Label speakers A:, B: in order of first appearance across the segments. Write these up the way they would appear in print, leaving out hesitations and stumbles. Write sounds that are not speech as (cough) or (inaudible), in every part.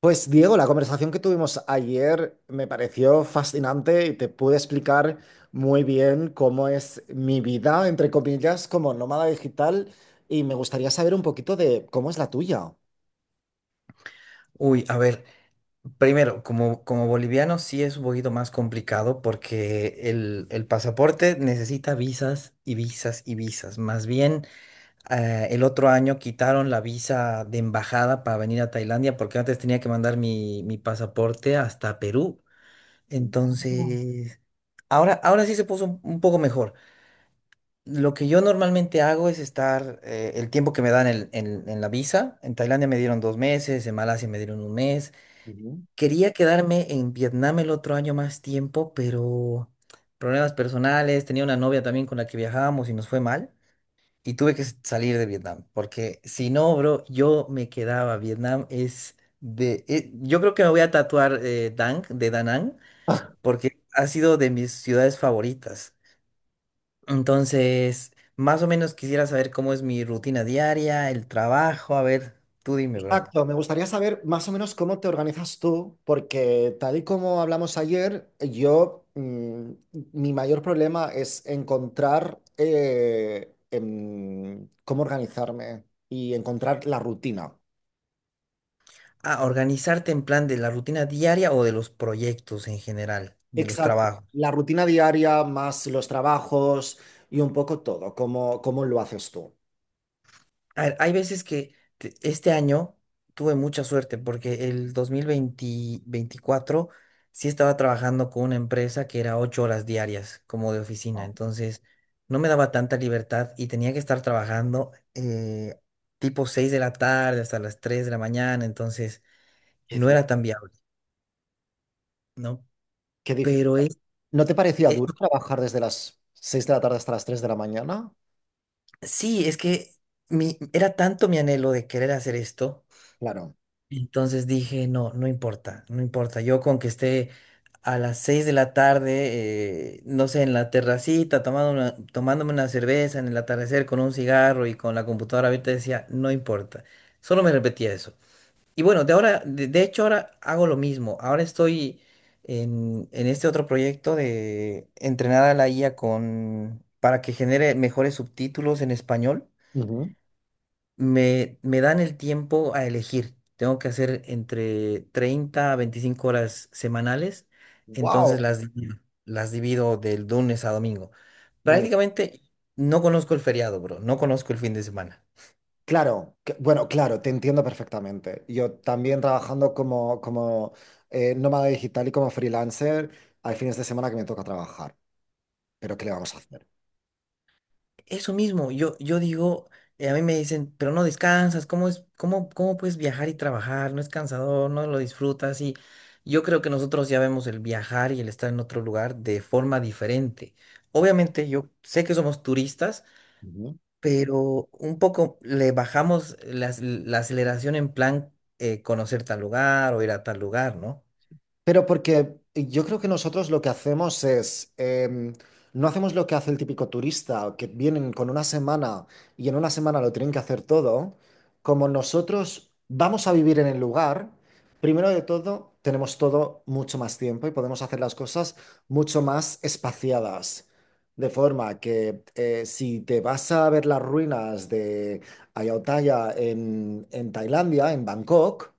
A: Pues Diego, la conversación que tuvimos ayer me pareció fascinante y te pude explicar muy bien cómo es mi vida, entre comillas, como nómada digital y me gustaría saber un poquito de cómo es la tuya.
B: Uy, a ver, primero, como boliviano sí es un poquito más complicado porque el pasaporte necesita visas y visas y visas. Más bien, el otro año quitaron la visa de embajada para venir a Tailandia porque antes tenía que mandar mi pasaporte hasta Perú. Entonces, ahora sí se puso un poco mejor. Lo que yo normalmente hago es estar el tiempo que me dan en la visa. En Tailandia me dieron dos meses, en Malasia me dieron un mes.
A: Ujú.
B: Quería quedarme en Vietnam el otro año más tiempo, pero problemas personales, tenía una novia también con la que viajábamos y nos fue mal. Y tuve que salir de Vietnam, porque si no, bro, yo me quedaba. Vietnam. Yo creo que me voy a tatuar Dang, de Da Nang, porque ha sido de mis ciudades favoritas. Entonces, más o menos quisiera saber cómo es mi rutina diaria, el trabajo. A ver, tú dime, bro.
A: Exacto, me gustaría saber más o menos cómo te organizas tú, porque tal y como hablamos ayer, yo, mi mayor problema es encontrar cómo organizarme y encontrar la rutina.
B: Ah, organizarte en plan de la rutina diaria o de los proyectos en general, de los
A: Exacto.
B: trabajos.
A: La rutina diaria más los trabajos y un poco todo. ¿Cómo, cómo lo haces tú?
B: A ver, hay veces que este año tuve mucha suerte porque el 2024 sí estaba trabajando con una empresa que era 8 horas diarias como de oficina,
A: No.
B: entonces no me daba tanta libertad y tenía que estar trabajando tipo 6 de la tarde hasta las 3 de la mañana, entonces
A: Qué
B: no
A: duro.
B: era tan viable, ¿no?
A: Qué difí-
B: Pero es
A: ¿No te parecía duro trabajar desde las 6 de la tarde hasta las 3 de la mañana?
B: Sí, es que era tanto mi anhelo de querer hacer esto,
A: Claro.
B: entonces dije, no, no importa, no importa, yo con que esté a las 6 de la tarde, no sé, en la terracita, tomándome una cerveza en el atardecer con un cigarro y con la computadora abierta, decía, no importa, solo me repetía eso. Y bueno, de hecho ahora hago lo mismo, ahora estoy en este otro proyecto de entrenar a la IA para que genere mejores subtítulos en español. Me dan el tiempo a elegir. Tengo que hacer entre 30 a 25 horas semanales, entonces
A: Wow.
B: las divido del lunes a domingo.
A: Muy.
B: Prácticamente no conozco el feriado, bro, no conozco el fin de semana.
A: Claro, que- bueno, claro, te entiendo perfectamente. Yo también trabajando como, como nómada digital y como freelancer, hay fines de semana que me toca trabajar, pero ¿qué le vamos a hacer?
B: Eso mismo, yo digo, a mí me dicen, pero no descansas, ¿cómo es, cómo puedes viajar y trabajar? No es cansador, no lo disfrutas y yo creo que nosotros ya vemos el viajar y el estar en otro lugar de forma diferente. Obviamente yo sé que somos turistas,
A: Ujú.
B: pero un poco le bajamos la aceleración en plan conocer tal lugar o ir a tal lugar, ¿no?
A: Pero porque yo creo que nosotros lo que hacemos es, no hacemos lo que hace el típico turista, que vienen con una semana y en una semana lo tienen que hacer todo. Como nosotros vamos a vivir en el lugar, primero de todo, tenemos todo mucho más tiempo y podemos hacer las cosas mucho más espaciadas. De forma que si te vas a ver las ruinas de Ayutthaya en Tailandia, en Bangkok,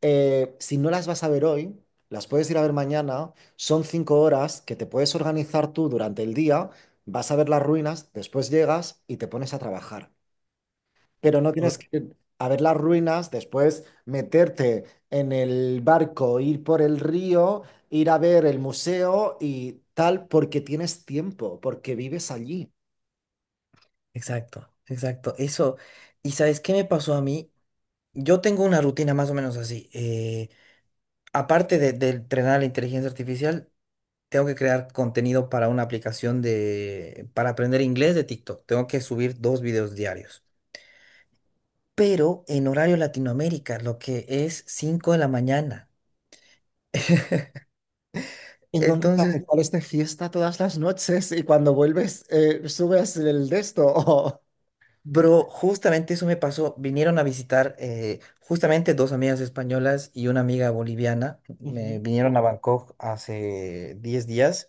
A: si no las vas a ver hoy, las puedes ir a ver mañana. Son 5 horas que te puedes organizar tú durante el día. Vas a ver las ruinas, después llegas y te pones a trabajar. Pero no
B: O-
A: tienes que ir a ver las ruinas, después meterte en el barco, ir por el río, ir a ver el museo y tal, porque tienes tiempo, porque vives allí.
B: exacto, exacto. Eso, ¿y sabes qué me pasó a mí? Yo tengo una rutina más o menos así. Aparte de entrenar la inteligencia artificial, tengo que crear contenido para una aplicación para aprender inglés de TikTok. Tengo que subir dos videos diarios. Pero en horario Latinoamérica, lo que es 5 de la mañana.
A: Entonces,
B: Entonces,
A: te sales de fiesta todas las noches y cuando vuelves, subes el de esto.
B: bro, justamente eso me pasó. Vinieron a visitar justamente dos amigas españolas y una amiga boliviana. Me
A: (laughs)
B: vinieron a Bangkok hace 10 días.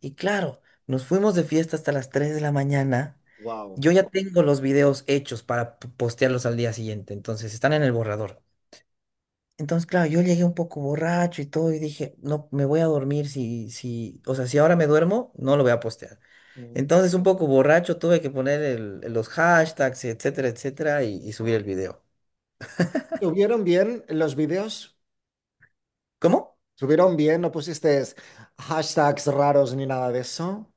B: Y claro, nos fuimos de fiesta hasta las 3 de la mañana.
A: Wow.
B: Yo ya tengo los videos hechos para postearlos al día siguiente. Entonces están en el borrador. Entonces, claro, yo llegué un poco borracho y todo y dije, no, me voy a dormir si, o sea, si ahora me duermo, no lo voy a postear. Entonces, un poco borracho, tuve que poner los hashtags, etcétera, etcétera, y subir el video.
A: ¿Subieron bien los vídeos?
B: ¿Cómo?
A: ¿Subieron bien? ¿No pusiste hashtags raros ni nada de eso?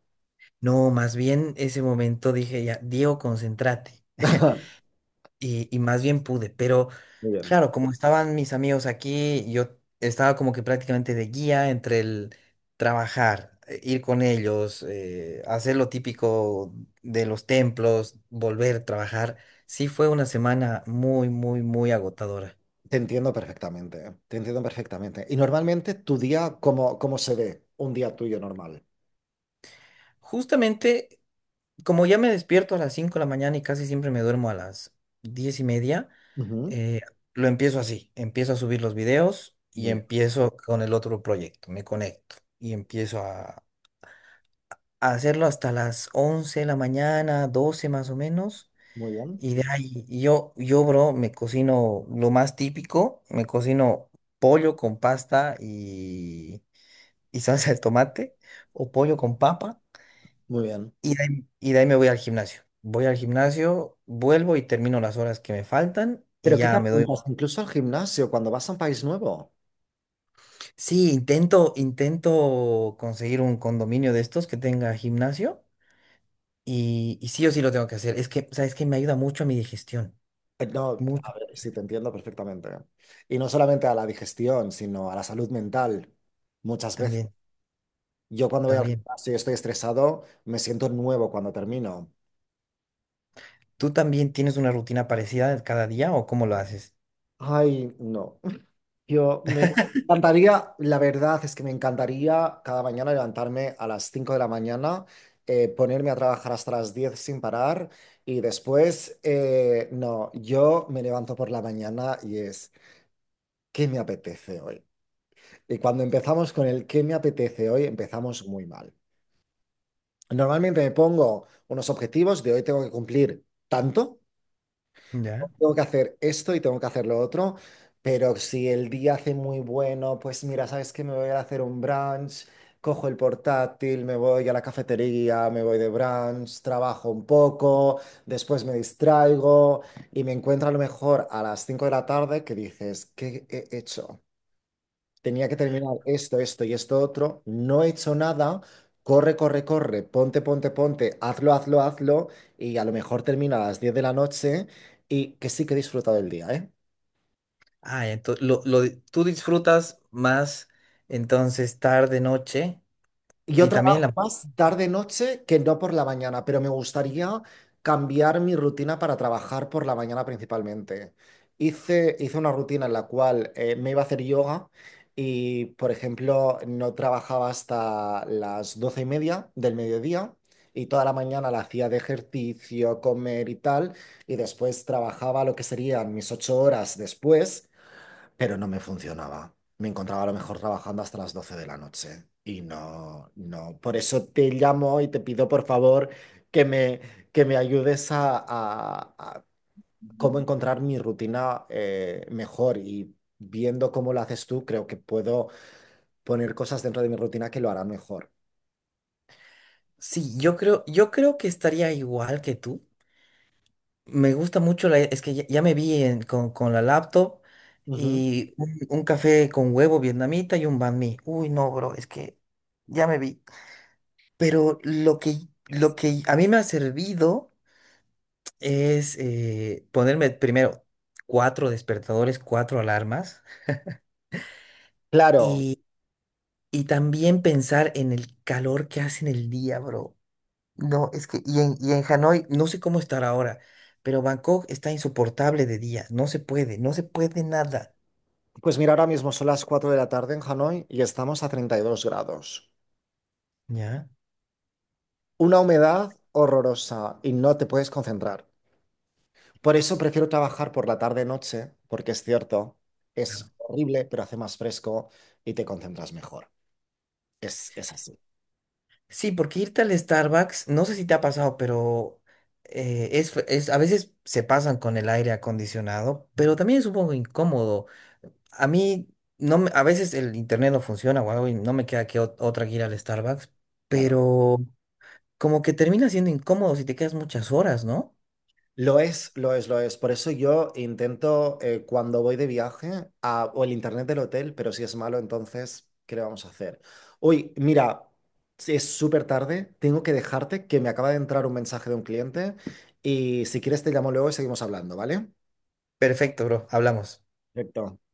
B: No, más bien ese momento dije, ya, Diego, concéntrate. (laughs)
A: (laughs)
B: Y más bien pude, pero
A: Muy bien.
B: claro, como estaban mis amigos aquí, yo estaba como que prácticamente de guía entre el trabajar, ir con ellos, hacer lo típico de los templos, volver a trabajar. Sí fue una semana muy, muy, muy agotadora.
A: Te entiendo perfectamente, te entiendo perfectamente. Y normalmente tu día, ¿cómo, cómo se ve un día tuyo normal?
B: Justamente, como ya me despierto a las 5 de la mañana y casi siempre me duermo a las 10:30.
A: Ujú.
B: Eh, lo empiezo así, empiezo a subir los videos y
A: Muy bien,
B: empiezo con el otro proyecto, me conecto y empiezo a hacerlo hasta las 11 de la mañana, 12 más o menos.
A: muy bien,
B: Y de ahí yo, bro, me cocino lo más típico, me cocino pollo con pasta y salsa de tomate o pollo con papa,
A: muy bien.
B: y de ahí me voy al gimnasio. Voy al gimnasio, vuelvo y termino las horas que me faltan y
A: ¿Pero qué te
B: ya me doy.
A: apuntas? Incluso al gimnasio, cuando vas a un país nuevo.
B: Sí, intento conseguir un condominio de estos que tenga gimnasio y sí o sí lo tengo que hacer. Es que, ¿sabes que me ayuda mucho a mi digestión?
A: No,
B: Mucho.
A: a ver, sí, te entiendo perfectamente. Y no solamente a la digestión, sino a la salud mental, muchas veces.
B: También,
A: Yo cuando voy al
B: también.
A: gimnasio y estoy estresado, me siento nuevo cuando termino.
B: ¿Tú también tienes una rutina parecida cada día o cómo lo haces?
A: Ay, no. Yo me encantaría, la verdad es que me encantaría cada mañana levantarme a las 5 de la mañana, ponerme a trabajar hasta las 10 sin parar y después, no, yo me levanto por la mañana y es, ¿qué me apetece hoy? Y cuando empezamos con el ¿qué me apetece hoy? Empezamos muy mal. Normalmente me pongo unos objetivos de hoy tengo que cumplir tanto.
B: Ya.
A: Tengo que hacer esto y tengo que hacer lo otro, pero si el día hace muy bueno, pues mira, ¿sabes qué? Me voy a hacer un brunch, cojo el portátil, me voy a la cafetería, me voy de brunch, trabajo un poco, después me distraigo y me encuentro a lo mejor a las 5 de la tarde que dices, ¿qué he hecho? Tenía que terminar esto, esto y esto otro, no he hecho nada, corre, corre, corre, ponte, ponte, ponte, hazlo, hazlo, hazlo, y a lo mejor termino a las 10 de la noche y que sí que he disfrutado el día, ¿eh?
B: Ah, entonces, tú disfrutas más entonces tarde, noche
A: Yo
B: y también
A: trabajo
B: la...
A: más tarde-noche que no por la mañana, pero me gustaría cambiar mi rutina para trabajar por la mañana principalmente. Hice una rutina en la cual me iba a hacer yoga y, por ejemplo, no trabajaba hasta las 12 y media del mediodía y toda la mañana la hacía de ejercicio, comer y tal, y después trabajaba lo que serían mis 8 horas después, pero no me funcionaba. Me encontraba a lo mejor trabajando hasta las 12 de la noche y no, no. Por eso te llamo y te pido por favor que me, que me ayudes a, a cómo encontrar mi rutina mejor y viendo cómo lo haces tú, creo que puedo poner cosas dentro de mi rutina que lo harán mejor.
B: Sí, yo creo que estaría igual que tú. Me gusta mucho es que ya me vi con la laptop
A: Ujú.
B: y un café con huevo vietnamita y un banh mi. Uy, no, bro, es que ya me vi. Pero lo que,
A: Yes.
B: lo que a mí me ha servido es ponerme primero cuatro despertadores, cuatro alarmas
A: Claro,
B: y, y también pensar en el calor que hace en el día, bro. No, es que, y en Hanoi, no sé cómo estar ahora, pero Bangkok está insoportable de día, no se puede, no se puede nada.
A: pues mira, ahora mismo son las 4 de la tarde en Hanoi y estamos a 32 grados.
B: Ya.
A: Una humedad horrorosa y no te puedes concentrar. Por eso prefiero trabajar por la tarde-noche, porque es cierto, es horrible, pero hace más fresco y te concentras mejor. Es así,
B: Sí, porque irte al Starbucks, no sé si te ha pasado, pero a veces se pasan con el aire acondicionado, pero también es un poco incómodo. A mí, no me- a veces el internet no funciona o algo y no me queda que otra que ir al Starbucks,
A: claro.
B: pero como que termina siendo incómodo si te quedas muchas horas, ¿no?
A: Lo es, lo es, lo es. Por eso yo intento, cuando voy de viaje, a- o el internet del hotel, pero si es malo, entonces, ¿qué le vamos a hacer? Uy, mira, si es súper tarde, tengo que dejarte que me acaba de entrar un mensaje de un cliente y si quieres te llamo luego y seguimos hablando, ¿vale?
B: Perfecto, bro, hablamos.
A: Perfecto.